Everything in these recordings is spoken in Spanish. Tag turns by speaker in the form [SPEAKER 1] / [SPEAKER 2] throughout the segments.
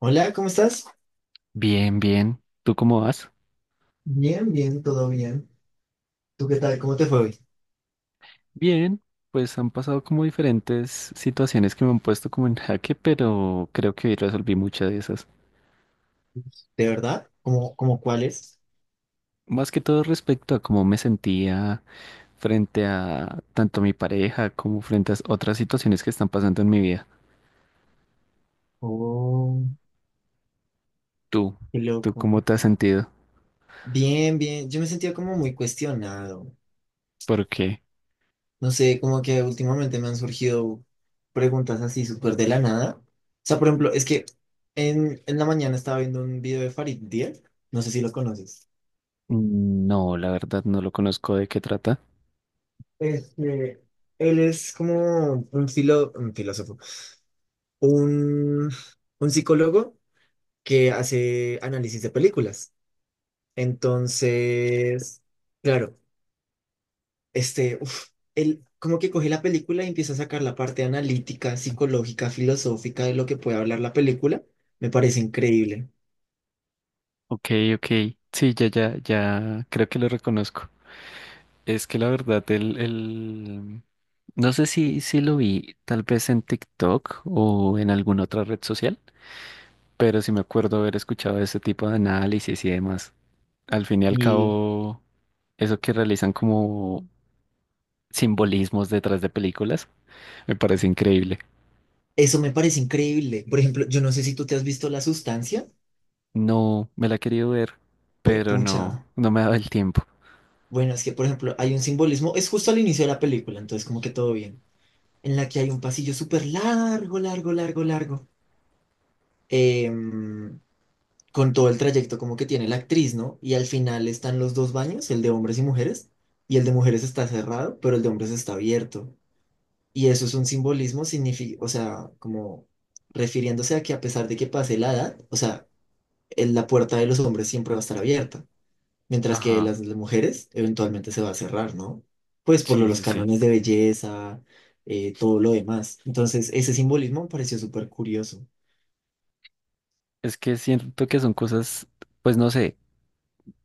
[SPEAKER 1] Hola, ¿cómo estás?
[SPEAKER 2] Bien, bien. ¿Tú cómo vas?
[SPEAKER 1] Bien, bien, todo bien. ¿Tú qué tal? ¿Cómo te fue hoy?
[SPEAKER 2] Bien, pues han pasado como diferentes situaciones que me han puesto como en jaque, pero creo que hoy resolví muchas de esas.
[SPEAKER 1] ¿De verdad? ¿Cómo, cuáles?
[SPEAKER 2] Más que todo respecto a cómo me sentía frente a tanto mi pareja como frente a otras situaciones que están pasando en mi vida.
[SPEAKER 1] Oh,
[SPEAKER 2] ¿Tú?
[SPEAKER 1] qué
[SPEAKER 2] ¿Tú cómo
[SPEAKER 1] loco.
[SPEAKER 2] te has sentido?
[SPEAKER 1] Bien, bien. Yo me sentía como muy cuestionado.
[SPEAKER 2] ¿Por qué?
[SPEAKER 1] No sé, como que últimamente me han surgido preguntas así súper de la nada. O sea, por ejemplo, es que en la mañana estaba viendo un video de Farid Diel. No sé si lo conoces.
[SPEAKER 2] No, la verdad no lo conozco de qué trata.
[SPEAKER 1] Este, él es como un filósofo, un, un psicólogo que hace análisis de películas. Entonces, claro, este, uf, él como que coge la película y empieza a sacar la parte analítica, psicológica, filosófica de lo que puede hablar la película. Me parece increíble.
[SPEAKER 2] Ok, ok. Sí, ya, ya, ya creo que lo reconozco. Es que la verdad, no sé si, si lo vi tal vez en TikTok o en alguna otra red social, pero sí me acuerdo haber escuchado ese tipo de análisis y demás. Al fin y al
[SPEAKER 1] Y
[SPEAKER 2] cabo, eso que realizan como simbolismos detrás de películas, me parece increíble.
[SPEAKER 1] eso me parece increíble. Por ejemplo, yo no sé si tú te has visto La Sustancia.
[SPEAKER 2] No, me la he querido ver,
[SPEAKER 1] Pues,
[SPEAKER 2] pero no,
[SPEAKER 1] pucha.
[SPEAKER 2] no me ha dado el tiempo.
[SPEAKER 1] Bueno, es que, por ejemplo, hay un simbolismo, es justo al inicio de la película, entonces como que todo bien, en la que hay un pasillo súper largo, largo, largo, largo. Em, con todo el trayecto como que tiene la actriz, ¿no? Y al final están los dos baños, el de hombres y mujeres, y el de mujeres está cerrado, pero el de hombres está abierto. Y eso es un simbolismo, o sea, como refiriéndose a que a pesar de que pase la edad, o sea, la puerta de los hombres siempre va a estar abierta, mientras que
[SPEAKER 2] Ajá,
[SPEAKER 1] las de mujeres eventualmente se va a cerrar, ¿no? Pues por
[SPEAKER 2] sí,
[SPEAKER 1] los
[SPEAKER 2] sí, sí.
[SPEAKER 1] cánones de belleza, todo lo demás. Entonces, ese simbolismo me pareció súper curioso.
[SPEAKER 2] Es que siento que son cosas, pues no sé,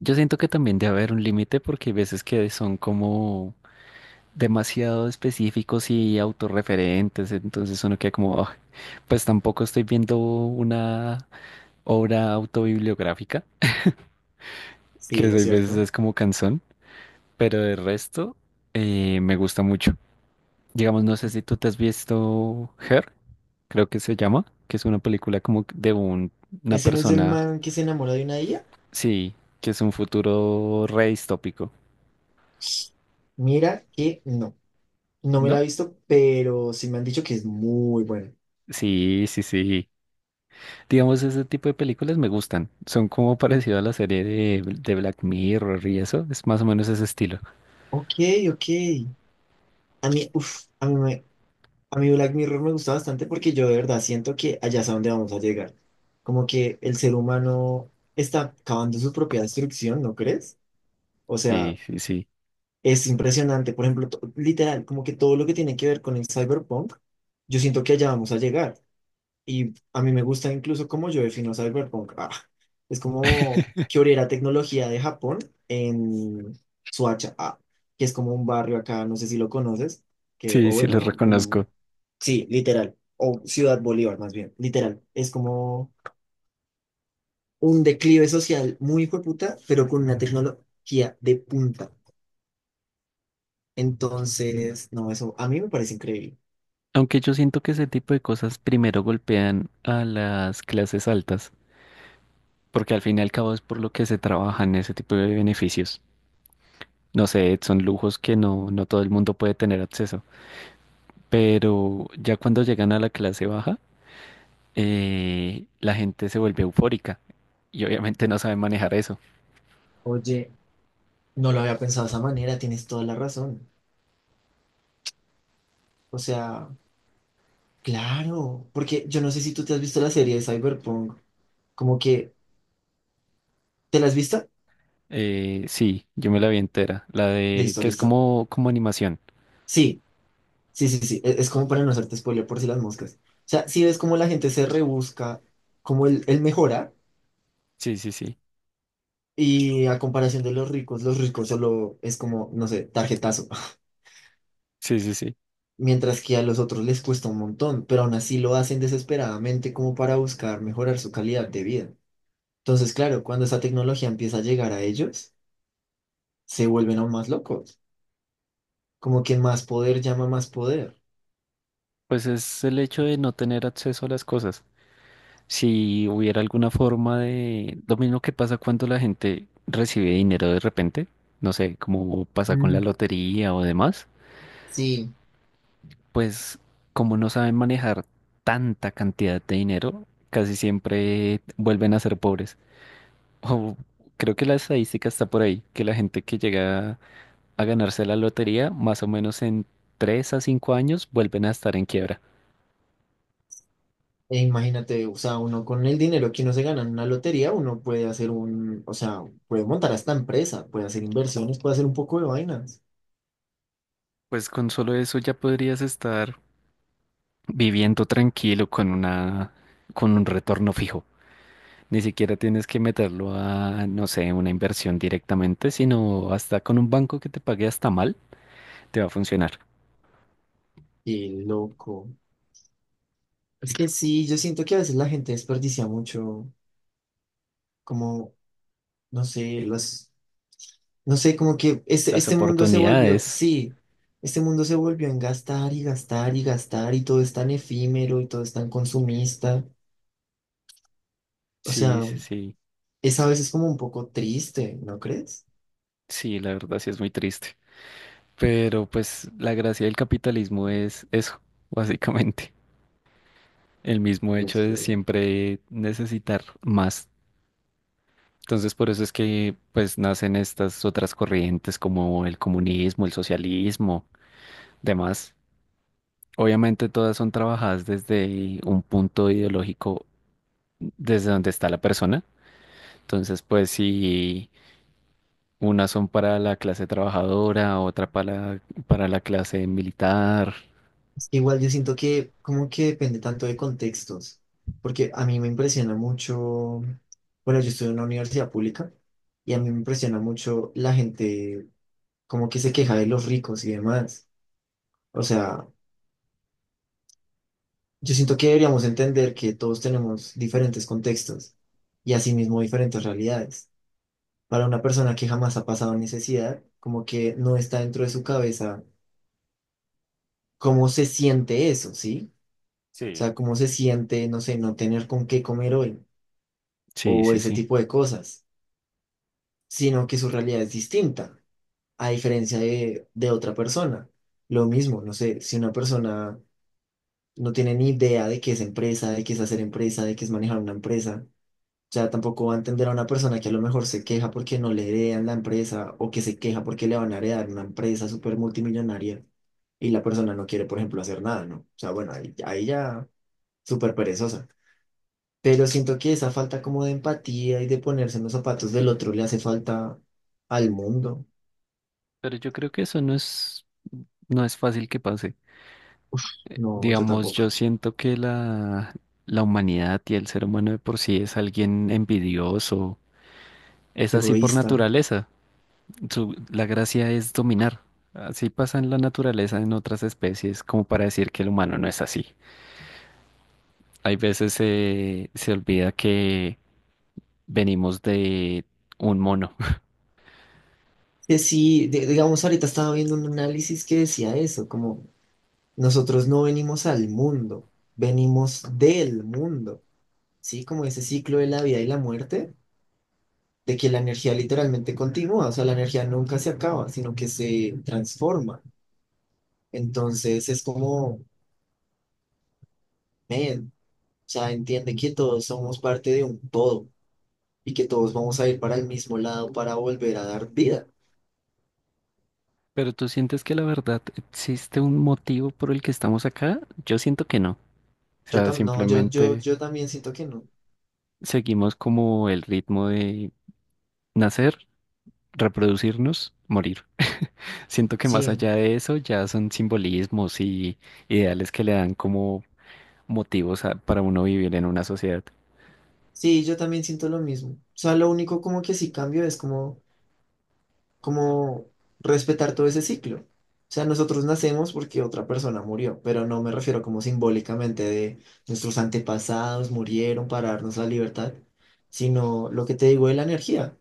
[SPEAKER 2] yo siento que también debe haber un límite porque hay veces que son como demasiado específicos y autorreferentes, entonces uno queda como, "Ah, pues tampoco estoy viendo una obra autobibliográfica, que
[SPEAKER 1] Sí,
[SPEAKER 2] a
[SPEAKER 1] es
[SPEAKER 2] veces
[SPEAKER 1] cierto.
[SPEAKER 2] es como canción, pero de resto me gusta mucho." Digamos, no sé si tú te has visto Her, creo que se llama, que es una película como de una
[SPEAKER 1] ¿Ese no es el
[SPEAKER 2] persona,
[SPEAKER 1] man que se enamora de una ella?
[SPEAKER 2] sí, que es un futuro re distópico,
[SPEAKER 1] Mira que no, no me la he
[SPEAKER 2] ¿no?
[SPEAKER 1] visto, pero sí me han dicho que es muy buena.
[SPEAKER 2] Sí, sí, sí. Digamos, ese tipo de películas me gustan. Son como parecido a la serie de Black Mirror y eso. Es más o menos ese estilo.
[SPEAKER 1] Ok, ok. A mí, uf, a mí Black Mirror me gusta bastante porque yo de verdad siento que allá es a donde vamos a llegar. Como que el ser humano está acabando su propia destrucción, ¿no crees? O sea,
[SPEAKER 2] Sí, sí, sí.
[SPEAKER 1] es impresionante. Por ejemplo, literal, como que todo lo que tiene que ver con el cyberpunk, yo siento que allá vamos a llegar. Y a mí me gusta incluso cómo yo defino cyberpunk. Ah, es como que hubiera tecnología de Japón en Suacha, ah, que es como un barrio acá, no sé si lo conoces, que,
[SPEAKER 2] Sí,
[SPEAKER 1] o
[SPEAKER 2] sí,
[SPEAKER 1] bueno,
[SPEAKER 2] los
[SPEAKER 1] no,
[SPEAKER 2] reconozco.
[SPEAKER 1] un- sí, literal, o Ciudad Bolívar más bien, literal. Es como un declive social muy hijueputa, pero con una tecnología de punta. Entonces, no, eso a mí me parece increíble.
[SPEAKER 2] Aunque yo siento que ese tipo de cosas primero golpean a las clases altas, porque al fin y al cabo es por lo que se trabajan ese tipo de beneficios. No sé, son lujos que no, no todo el mundo puede tener acceso. Pero ya cuando llegan a la clase baja, la gente se vuelve eufórica y obviamente no sabe manejar eso.
[SPEAKER 1] Oye, no lo había pensado de esa manera, tienes toda la razón. O sea... Claro, porque yo no sé si tú te has visto la serie de Cyberpunk, como que, ¿te la has visto?
[SPEAKER 2] Sí, yo me la vi entera. La de
[SPEAKER 1] Listo,
[SPEAKER 2] que es
[SPEAKER 1] listo.
[SPEAKER 2] como, como animación.
[SPEAKER 1] Sí, sí, sí, sí, es, como para no hacerte spoiler por si las moscas. O sea, si ves cómo la gente se rebusca, cómo él mejora,
[SPEAKER 2] Sí, sí, sí.
[SPEAKER 1] y a comparación de los ricos solo es como, no sé, tarjetazo,
[SPEAKER 2] Sí, sí, sí.
[SPEAKER 1] mientras que a los otros les cuesta un montón, pero aún así lo hacen desesperadamente como para buscar mejorar su calidad de vida. Entonces, claro, cuando esa tecnología empieza a llegar a ellos, se vuelven aún más locos. Como que más poder llama más poder.
[SPEAKER 2] Pues es el hecho de no tener acceso a las cosas. Si hubiera alguna forma de... Lo mismo que pasa cuando la gente recibe dinero de repente, no sé, como pasa con la
[SPEAKER 1] Mm,
[SPEAKER 2] lotería o demás,
[SPEAKER 1] sí,
[SPEAKER 2] pues como no saben manejar tanta cantidad de dinero, casi siempre vuelven a ser pobres. O creo que la estadística está por ahí, que la gente que llega a ganarse la lotería, más o menos en 3 a 5 años vuelven a estar en quiebra.
[SPEAKER 1] e imagínate, o sea, uno con el dinero que uno se gana en una lotería, uno puede hacer o sea, puede montar hasta empresa, puede hacer inversiones, puede hacer un poco de vainas.
[SPEAKER 2] Pues con solo eso ya podrías estar viviendo tranquilo con un retorno fijo. Ni siquiera tienes que meterlo a, no sé, una inversión directamente, sino hasta con un banco que te pague hasta mal, te va a funcionar.
[SPEAKER 1] Qué loco. Es que sí, yo siento que a veces la gente desperdicia mucho, como, no sé, los, no sé, como que
[SPEAKER 2] Las
[SPEAKER 1] este mundo se volvió,
[SPEAKER 2] oportunidades.
[SPEAKER 1] sí, este mundo se volvió en gastar y gastar y gastar y todo es tan efímero y todo es tan consumista. O
[SPEAKER 2] Sí,
[SPEAKER 1] sea,
[SPEAKER 2] sí, sí.
[SPEAKER 1] es a veces como un poco triste, ¿no crees?
[SPEAKER 2] Sí, la verdad sí es muy triste. Pero pues la gracia del capitalismo es eso, básicamente. El mismo
[SPEAKER 1] Y
[SPEAKER 2] hecho
[SPEAKER 1] es
[SPEAKER 2] de
[SPEAKER 1] feo.
[SPEAKER 2] siempre necesitar más. Entonces, por eso es que pues nacen estas otras corrientes como el comunismo, el socialismo, demás. Obviamente todas son trabajadas desde un punto ideológico desde donde está la persona. Entonces, pues si unas son para la clase trabajadora, para la clase militar.
[SPEAKER 1] Es que igual yo siento que como que depende tanto de contextos, porque a mí me impresiona mucho, bueno, yo estudio en una universidad pública y a mí me impresiona mucho la gente como que se queja de los ricos y demás. O sea, yo siento que deberíamos entender que todos tenemos diferentes contextos y asimismo diferentes realidades. Para una persona que jamás ha pasado necesidad, como que no está dentro de su cabeza cómo se siente eso, ¿sí? O
[SPEAKER 2] Sí.
[SPEAKER 1] sea, cómo se siente, no sé, no tener con qué comer hoy
[SPEAKER 2] Sí,
[SPEAKER 1] o
[SPEAKER 2] sí,
[SPEAKER 1] ese
[SPEAKER 2] sí.
[SPEAKER 1] tipo de cosas, sino que su realidad es distinta, a diferencia de otra persona. Lo mismo, no sé, si una persona no tiene ni idea de qué es empresa, de qué es hacer empresa, de qué es manejar una empresa, o sea, tampoco va a entender a una persona que a lo mejor se queja porque no le heredan la empresa o que se queja porque le van a heredar una empresa súper multimillonaria y la persona no quiere, por ejemplo, hacer nada, ¿no? O sea, bueno, ahí ya súper perezosa. Pero siento que esa falta como de empatía y de ponerse en los zapatos del otro le hace falta al mundo.
[SPEAKER 2] Pero yo creo que eso no es, no es fácil que pase.
[SPEAKER 1] No, yo
[SPEAKER 2] Digamos, yo
[SPEAKER 1] tampoco.
[SPEAKER 2] siento que la humanidad y el ser humano de por sí es alguien envidioso. Es así por
[SPEAKER 1] Egoísta.
[SPEAKER 2] naturaleza. La gracia es dominar. Así pasa en la naturaleza en otras especies, como para decir que el humano no es así. Hay veces se olvida que venimos de un mono.
[SPEAKER 1] Que sí, digamos, ahorita estaba viendo un análisis que decía eso, como nosotros no venimos al mundo, venimos del mundo, ¿sí? Como ese ciclo de la vida y la muerte, de que la energía literalmente continúa, o sea, la energía nunca se acaba, sino que se transforma. Entonces es como, man, o sea, entiende que todos somos parte de un todo y que todos vamos a ir para el mismo lado para volver a dar vida.
[SPEAKER 2] ¿Pero tú sientes que la verdad existe un motivo por el que estamos acá? Yo siento que no. O
[SPEAKER 1] Yo
[SPEAKER 2] sea,
[SPEAKER 1] también, no,
[SPEAKER 2] simplemente
[SPEAKER 1] yo también siento que no.
[SPEAKER 2] seguimos como el ritmo de nacer, reproducirnos, morir. Siento que más
[SPEAKER 1] Sí,
[SPEAKER 2] allá de eso ya son simbolismos y ideales que le dan como motivos para uno vivir en una sociedad.
[SPEAKER 1] sí, yo también siento lo mismo. O sea, lo único como que sí cambio es como, como respetar todo ese ciclo. O sea, nosotros nacemos porque otra persona murió, pero no me refiero como simbólicamente de nuestros antepasados murieron para darnos la libertad, sino lo que te digo de la energía.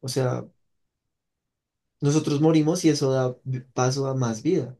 [SPEAKER 1] O sea, nosotros morimos y eso da paso a más vida.